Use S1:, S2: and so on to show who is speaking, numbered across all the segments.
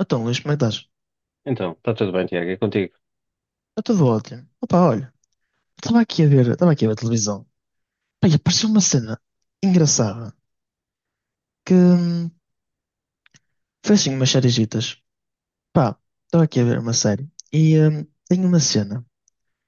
S1: Então, Luís, como é que estás?
S2: Então, está tudo bem, Tiago, é contigo.
S1: Eu estou ótimo. Opa, olha, estava aqui a ver a televisão. Pá, e apareceu uma cena engraçada que foi assim umas sériezitas. Pá, estava aqui a ver uma série e tem uma cena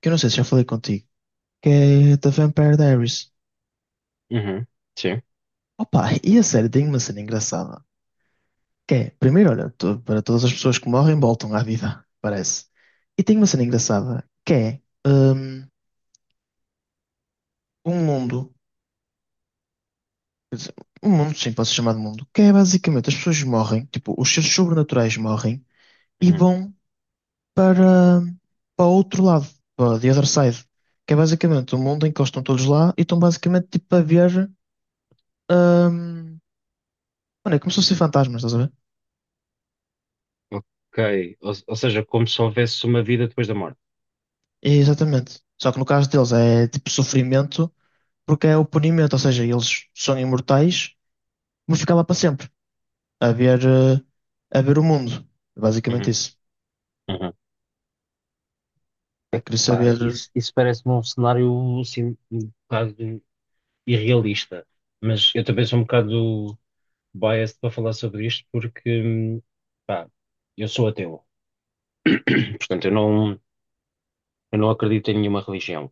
S1: que eu não sei se já falei contigo, que é The Vampire Diaries.
S2: Uhum. Sim.
S1: Opa, e a série tem uma cena engraçada, que é, primeiro, olha, para todas as pessoas que morrem voltam à vida, parece. E tem uma cena engraçada, que é um mundo. Quer dizer, um mundo, sim, pode ser chamado mundo, que é basicamente as pessoas morrem, tipo, os seres sobrenaturais morrem e
S2: Uhum.
S1: vão para, para outro lado, para the other side, que é basicamente o mundo em que eles estão todos lá e estão basicamente tipo a ver. hum, mano, é como se fossem fantasmas, estás a ver?
S2: Ok. Ou seja, como se houvesse uma vida depois da morte.
S1: É, exatamente. Só que no caso deles é tipo sofrimento, porque é o punimento, ou seja, eles são imortais, vão ficar lá para sempre, a ver, eh, a ver o mundo. É basicamente
S2: Uhum.
S1: isso.
S2: Uhum.
S1: Pá, queria
S2: Pá,
S1: saber.
S2: isso parece-me um cenário assim, um bocado irrealista. Mas eu também sou um bocado biased para falar sobre isto porque, pá, eu sou ateu. Portanto, eu não acredito em nenhuma religião.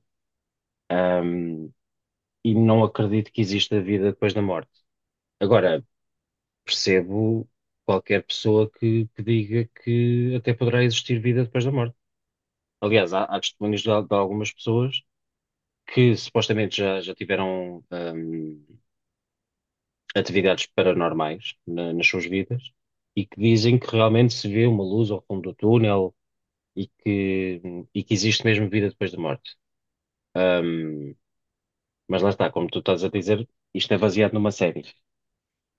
S2: Ahm, e não acredito que exista vida depois da morte. Agora, percebo qualquer pessoa que diga que até poderá existir vida depois da morte. Aliás, há testemunhos de, de algumas pessoas que supostamente já tiveram atividades paranormais nas suas vidas e que dizem que realmente se vê uma luz ao fundo do túnel e que, e que existe mesmo vida depois da morte. Hum, mas lá está, como tu estás a dizer, isto é baseado numa série.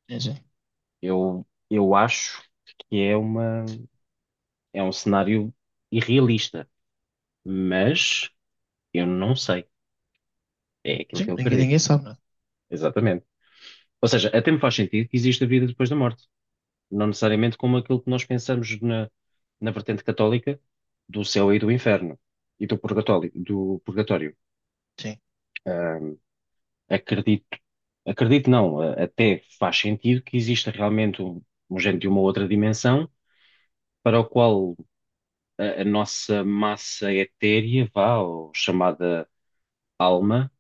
S1: Sim, sim.
S2: Eu acho que é uma, é um cenário irrealista, mas eu não sei. É aquilo que
S1: Sim,
S2: eu
S1: ninguém,
S2: acredito.
S1: ninguém sabe, né?
S2: Exatamente. Ou seja, até me faz sentido que existe a vida depois da morte. Não necessariamente como aquilo que nós pensamos na, na vertente católica do céu e do inferno e do purgatório, do purgatório.
S1: Sim,
S2: Hum, Acredito, acredito não, até faz sentido que exista realmente um, um género de uma outra dimensão para o qual a nossa massa etérea, vá, ou chamada alma,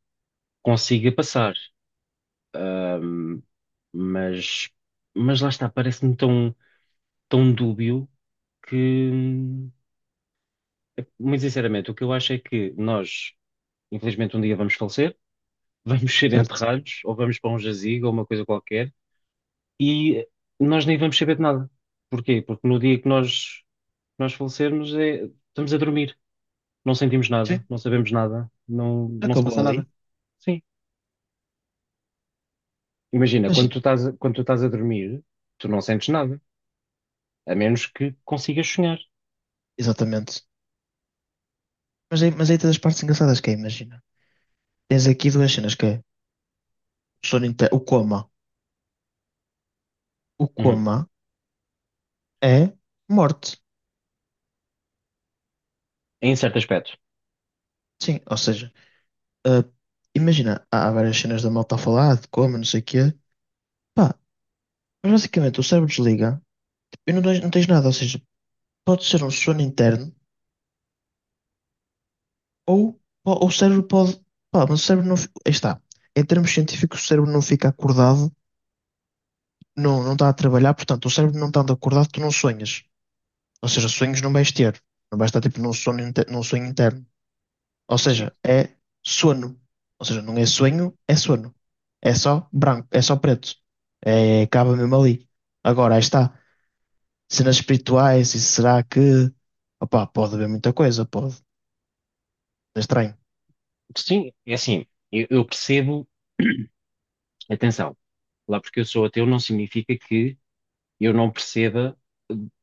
S2: consiga passar. Ahm, mas, mas lá está, parece-me tão, tão dúbio que, muito sinceramente, o que eu acho é que nós, infelizmente, um dia vamos falecer, vamos ser
S1: certo?
S2: enterrados, ou vamos para um jazigo, ou uma coisa qualquer, e nós nem vamos saber de nada. Porquê? Porque no dia que Nós falecermos, estamos a dormir, não sentimos nada,
S1: Sim,
S2: não sabemos nada, não se
S1: acabou
S2: passa nada.
S1: ali.
S2: Sim. Imagina,
S1: Imagina.
S2: quando tu estás a dormir, tu não sentes nada, a menos que consigas sonhar.
S1: Exatamente. Mas aí tens as partes engraçadas que é, imagina. Tens aqui duas cenas que é o coma. O
S2: Uhum.
S1: coma é morte.
S2: Em certo aspecto.
S1: Sim, ou seja, ah, imagina, há várias cenas da malta a falar de coma, não sei o quê. Pá, mas basicamente o cérebro desliga tipo, e não tens nada, ou seja, pode ser um sono interno ou o cérebro pode. Pá, mas o cérebro não. Aí está. Em termos científicos, o cérebro não fica acordado não, não está a trabalhar, portanto, o cérebro não estando acordado, tu não sonhas. Ou seja, sonhos não vais ter. Não vais estar tipo num num sonho interno. Ou
S2: Sim.
S1: seja, é sono. Ou seja, não é sonho, é sono. É só branco, é só preto. É, acaba mesmo ali. Agora, aí está. Cenas espirituais, e será que. Opá, pode haver muita coisa, pode. É estranho.
S2: Sim, é assim, eu percebo, atenção, lá porque eu sou ateu não significa que eu não perceba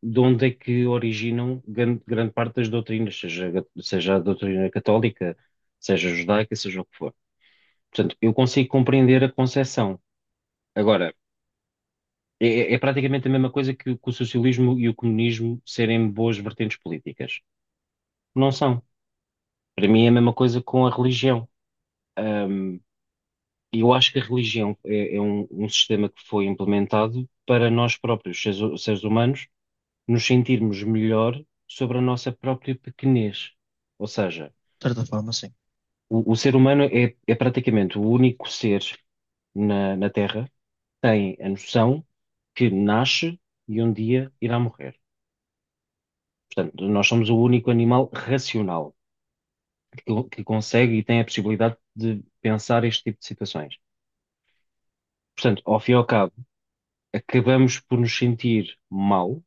S2: de onde é que originam grande, grande parte das doutrinas, seja, seja a doutrina católica, seja judaica, seja o que for. Portanto, eu consigo compreender a concepção. Agora, é, é praticamente a mesma coisa que o socialismo e o comunismo serem boas vertentes políticas. Não são. Para mim é a mesma coisa com a religião. E eu acho que a religião é, é um, um sistema que foi implementado para nós próprios, seres, seres humanos, nos sentirmos melhor sobre a nossa própria pequenez. Ou seja,
S1: De certa forma, sim.
S2: o ser humano é, é praticamente o único ser na, na Terra que tem a noção que nasce e um dia irá morrer. Portanto, nós somos o único animal racional que consegue e tem a possibilidade de pensar este tipo de situações. Portanto, ao fim e ao cabo, acabamos por nos sentir mal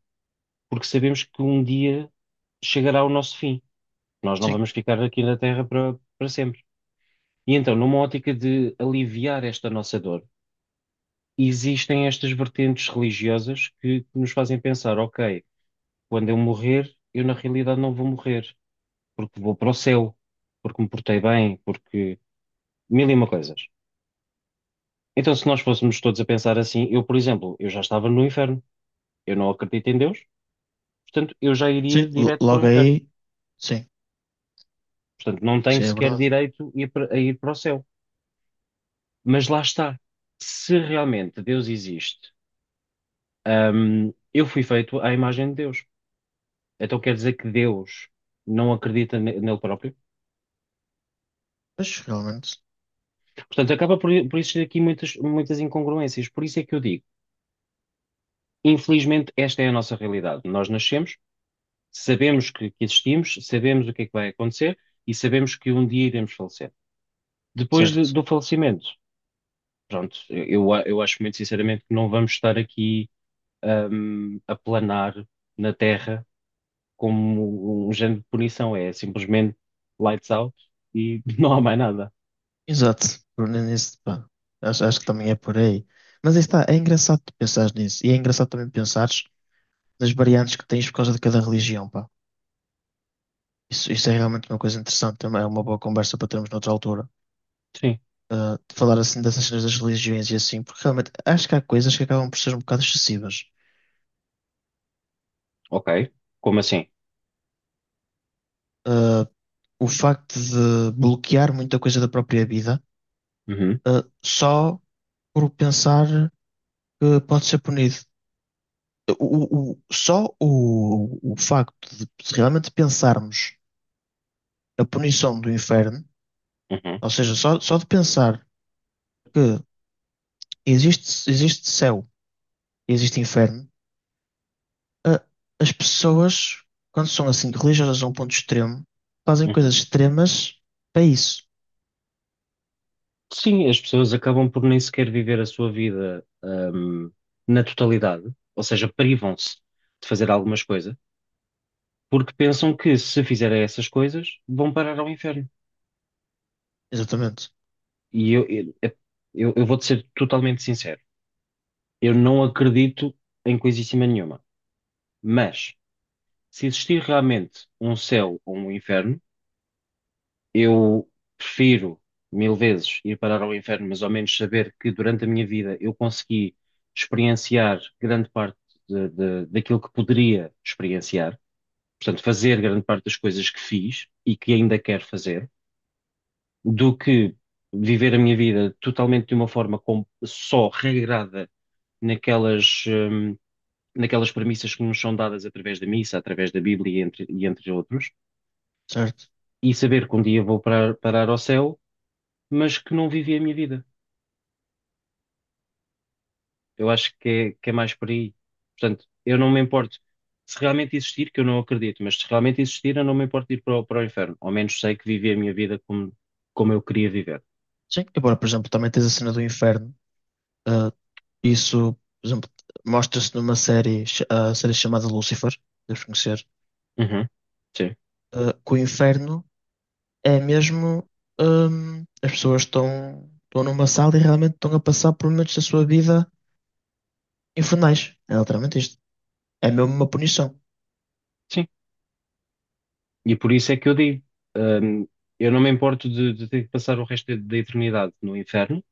S2: porque sabemos que um dia chegará o nosso fim. Nós não
S1: Sim,
S2: vamos ficar aqui na Terra para para sempre. E então, numa ótica de aliviar esta nossa dor, existem estas vertentes religiosas que nos fazem pensar: ok, quando eu morrer, eu na realidade não vou morrer, porque vou para o céu, porque me portei bem, porque mil e uma coisas. Então, se nós fôssemos todos a pensar assim, eu, por exemplo, eu já estava no inferno, eu não acredito em Deus, portanto, eu já
S1: sim.
S2: iria direto para o
S1: Logo
S2: inferno.
S1: aí, sim,
S2: Portanto, não tenho
S1: sim, é
S2: sequer
S1: verdade.
S2: direito a ir para o céu. Mas lá está. Se realmente Deus existe, eu fui feito à imagem de Deus. Então quer dizer que Deus não acredita nele próprio?
S1: Mas realmente,
S2: Portanto, acaba por existir aqui muitas, muitas incongruências. Por isso é que eu digo, infelizmente, esta é a nossa realidade. Nós nascemos, sabemos que existimos, sabemos o que é que vai acontecer e sabemos que um dia iremos falecer. Depois
S1: certo.
S2: do falecimento, pronto, eu, eu acho muito sinceramente que não vamos estar aqui, a planar na Terra como um género de punição, é simplesmente lights out e não há mais nada.
S1: Exato, por nisso, pá. Acho que também é por aí. Mas aí está, é engraçado tu pensares nisso. E é engraçado também pensares nas variantes que tens por causa de cada religião, pá. Isso é realmente uma coisa interessante, também é uma boa conversa para termos noutra altura.
S2: Sim,
S1: Ah, de falar assim dessas cenas das religiões e assim, porque realmente acho que há coisas que acabam por ser um bocado excessivas.
S2: ok. Como assim?
S1: Ah, o facto de bloquear muita coisa da própria vida,
S2: Uhum,
S1: só por pensar que pode ser punido. Só o facto de realmente pensarmos a punição do inferno,
S2: uhum,
S1: ou seja, só de pensar que existe céu e existe inferno, a- as pessoas, quando são assim religiosas a um ponto extremo, fazem
S2: uhum.
S1: coisas extremas para isso.
S2: Sim, as pessoas acabam por nem sequer viver a sua vida, na totalidade, ou seja, privam-se de fazer algumas coisas, porque pensam que se fizerem essas coisas vão parar ao inferno.
S1: Exatamente,
S2: E eu vou-te ser totalmente sincero, eu não acredito em coisíssima nenhuma, mas se existir realmente um céu ou um inferno, eu prefiro mil vezes ir parar ao inferno, mas ao menos saber que durante a minha vida eu consegui experienciar grande parte daquilo que poderia experienciar, portanto, fazer grande parte das coisas que fiz e que ainda quero fazer, do que viver a minha vida totalmente de uma forma só regrada naquelas, naquelas premissas que nos são dadas através da missa, através da Bíblia e e entre outros,
S1: certo?
S2: e saber que um dia vou parar, parar ao céu, mas que não vivi a minha vida. Eu acho que é mais por aí. Portanto, eu não me importo. Se realmente existir, que eu não acredito, mas se realmente existir, eu não me importo de ir para o, para o inferno. Ao menos sei que vivi a minha vida como, como eu queria viver.
S1: Sim. Agora, por exemplo, também tens a cena do inferno. ah, isso, por exemplo, mostra-se numa série, a série chamada Lucifer, deves conhecer,
S2: Uhum. Sim.
S1: que o inferno. É mesmo, as pessoas estão numa sala e realmente estão a passar por momentos da sua vida infernais. É literalmente isto. É mesmo uma punição.
S2: Sim. E por isso é que eu digo, hum, eu não me importo de ter que passar o resto da da eternidade no inferno,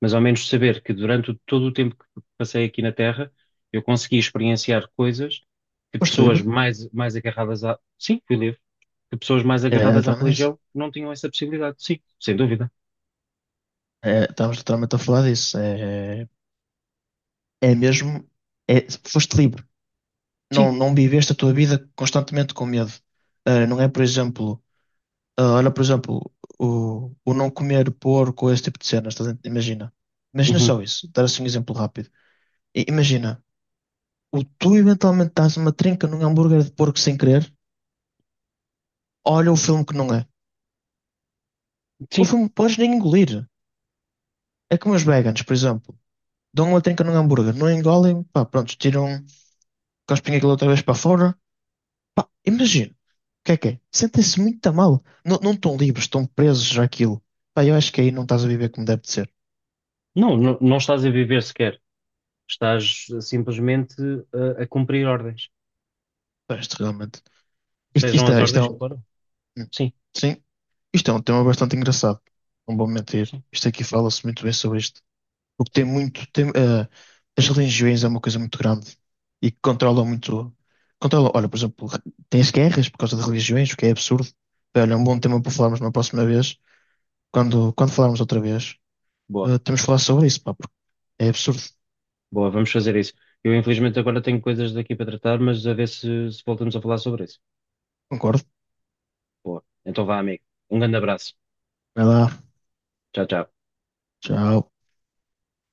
S2: mas ao menos saber que durante todo o tempo que passei aqui na Terra, eu consegui experienciar coisas que
S1: Posto
S2: pessoas
S1: livre,
S2: mais, mais agarradas à. Sim, fui livre. Que pessoas mais
S1: é
S2: agarradas à
S1: literalmente isso.
S2: religião não tinham essa possibilidade. Sim, sem dúvida.
S1: É, estamos literalmente a falar disso. É, é mesmo, é, foste livre. Não,
S2: Sim.
S1: não viveste a tua vida constantemente com medo. Ah, não é, por exemplo, olha, por exemplo, o não comer porco, esse tipo de cenas. Imagina. Imagina
S2: Uhum.
S1: só isso. Dar assim um exemplo rápido. Imagina. O tu eventualmente dás uma trinca num hambúrguer de porco sem querer, olha o filme que não é. O
S2: Sim.
S1: filme podes nem engolir. É como os vegans, por exemplo. Dão uma trinca num hambúrguer, não engolem, pá, pronto, tiram, cospem aquilo outra vez para fora. Imagina, o que é que é? Sentem-se muito mal. Não, não estão livres, estão presos àquilo. Pá, eu acho que aí não estás a viver como deve de ser.
S2: Não estás a viver sequer. Estás simplesmente a cumprir ordens.
S1: Pá, isto realmente.
S2: Sejam as
S1: Isto é
S2: ordens que forem. Sim,
S1: sim, isto é um tema bastante engraçado. Não vou mentir.
S2: sim,
S1: Isto aqui fala-se muito bem sobre isto. O que tem
S2: sim.
S1: muito. Tem, as religiões é uma coisa muito grande e que controla muito. Controla, olha, por exemplo, tem-se guerras por causa de religiões, o que é absurdo. Bem, olha, é um bom tema para falarmos na próxima vez. Quando falarmos outra vez,
S2: Boa,
S1: temos de falar sobre isso, pá, porque é absurdo.
S2: boa, vamos fazer isso. Eu, infelizmente, agora tenho coisas daqui para tratar, mas a ver se voltamos a falar sobre isso.
S1: Concordo.
S2: Boa. Então vá, amigo. Um grande abraço.
S1: Vai lá.
S2: Tchau, tchau.
S1: Tchau.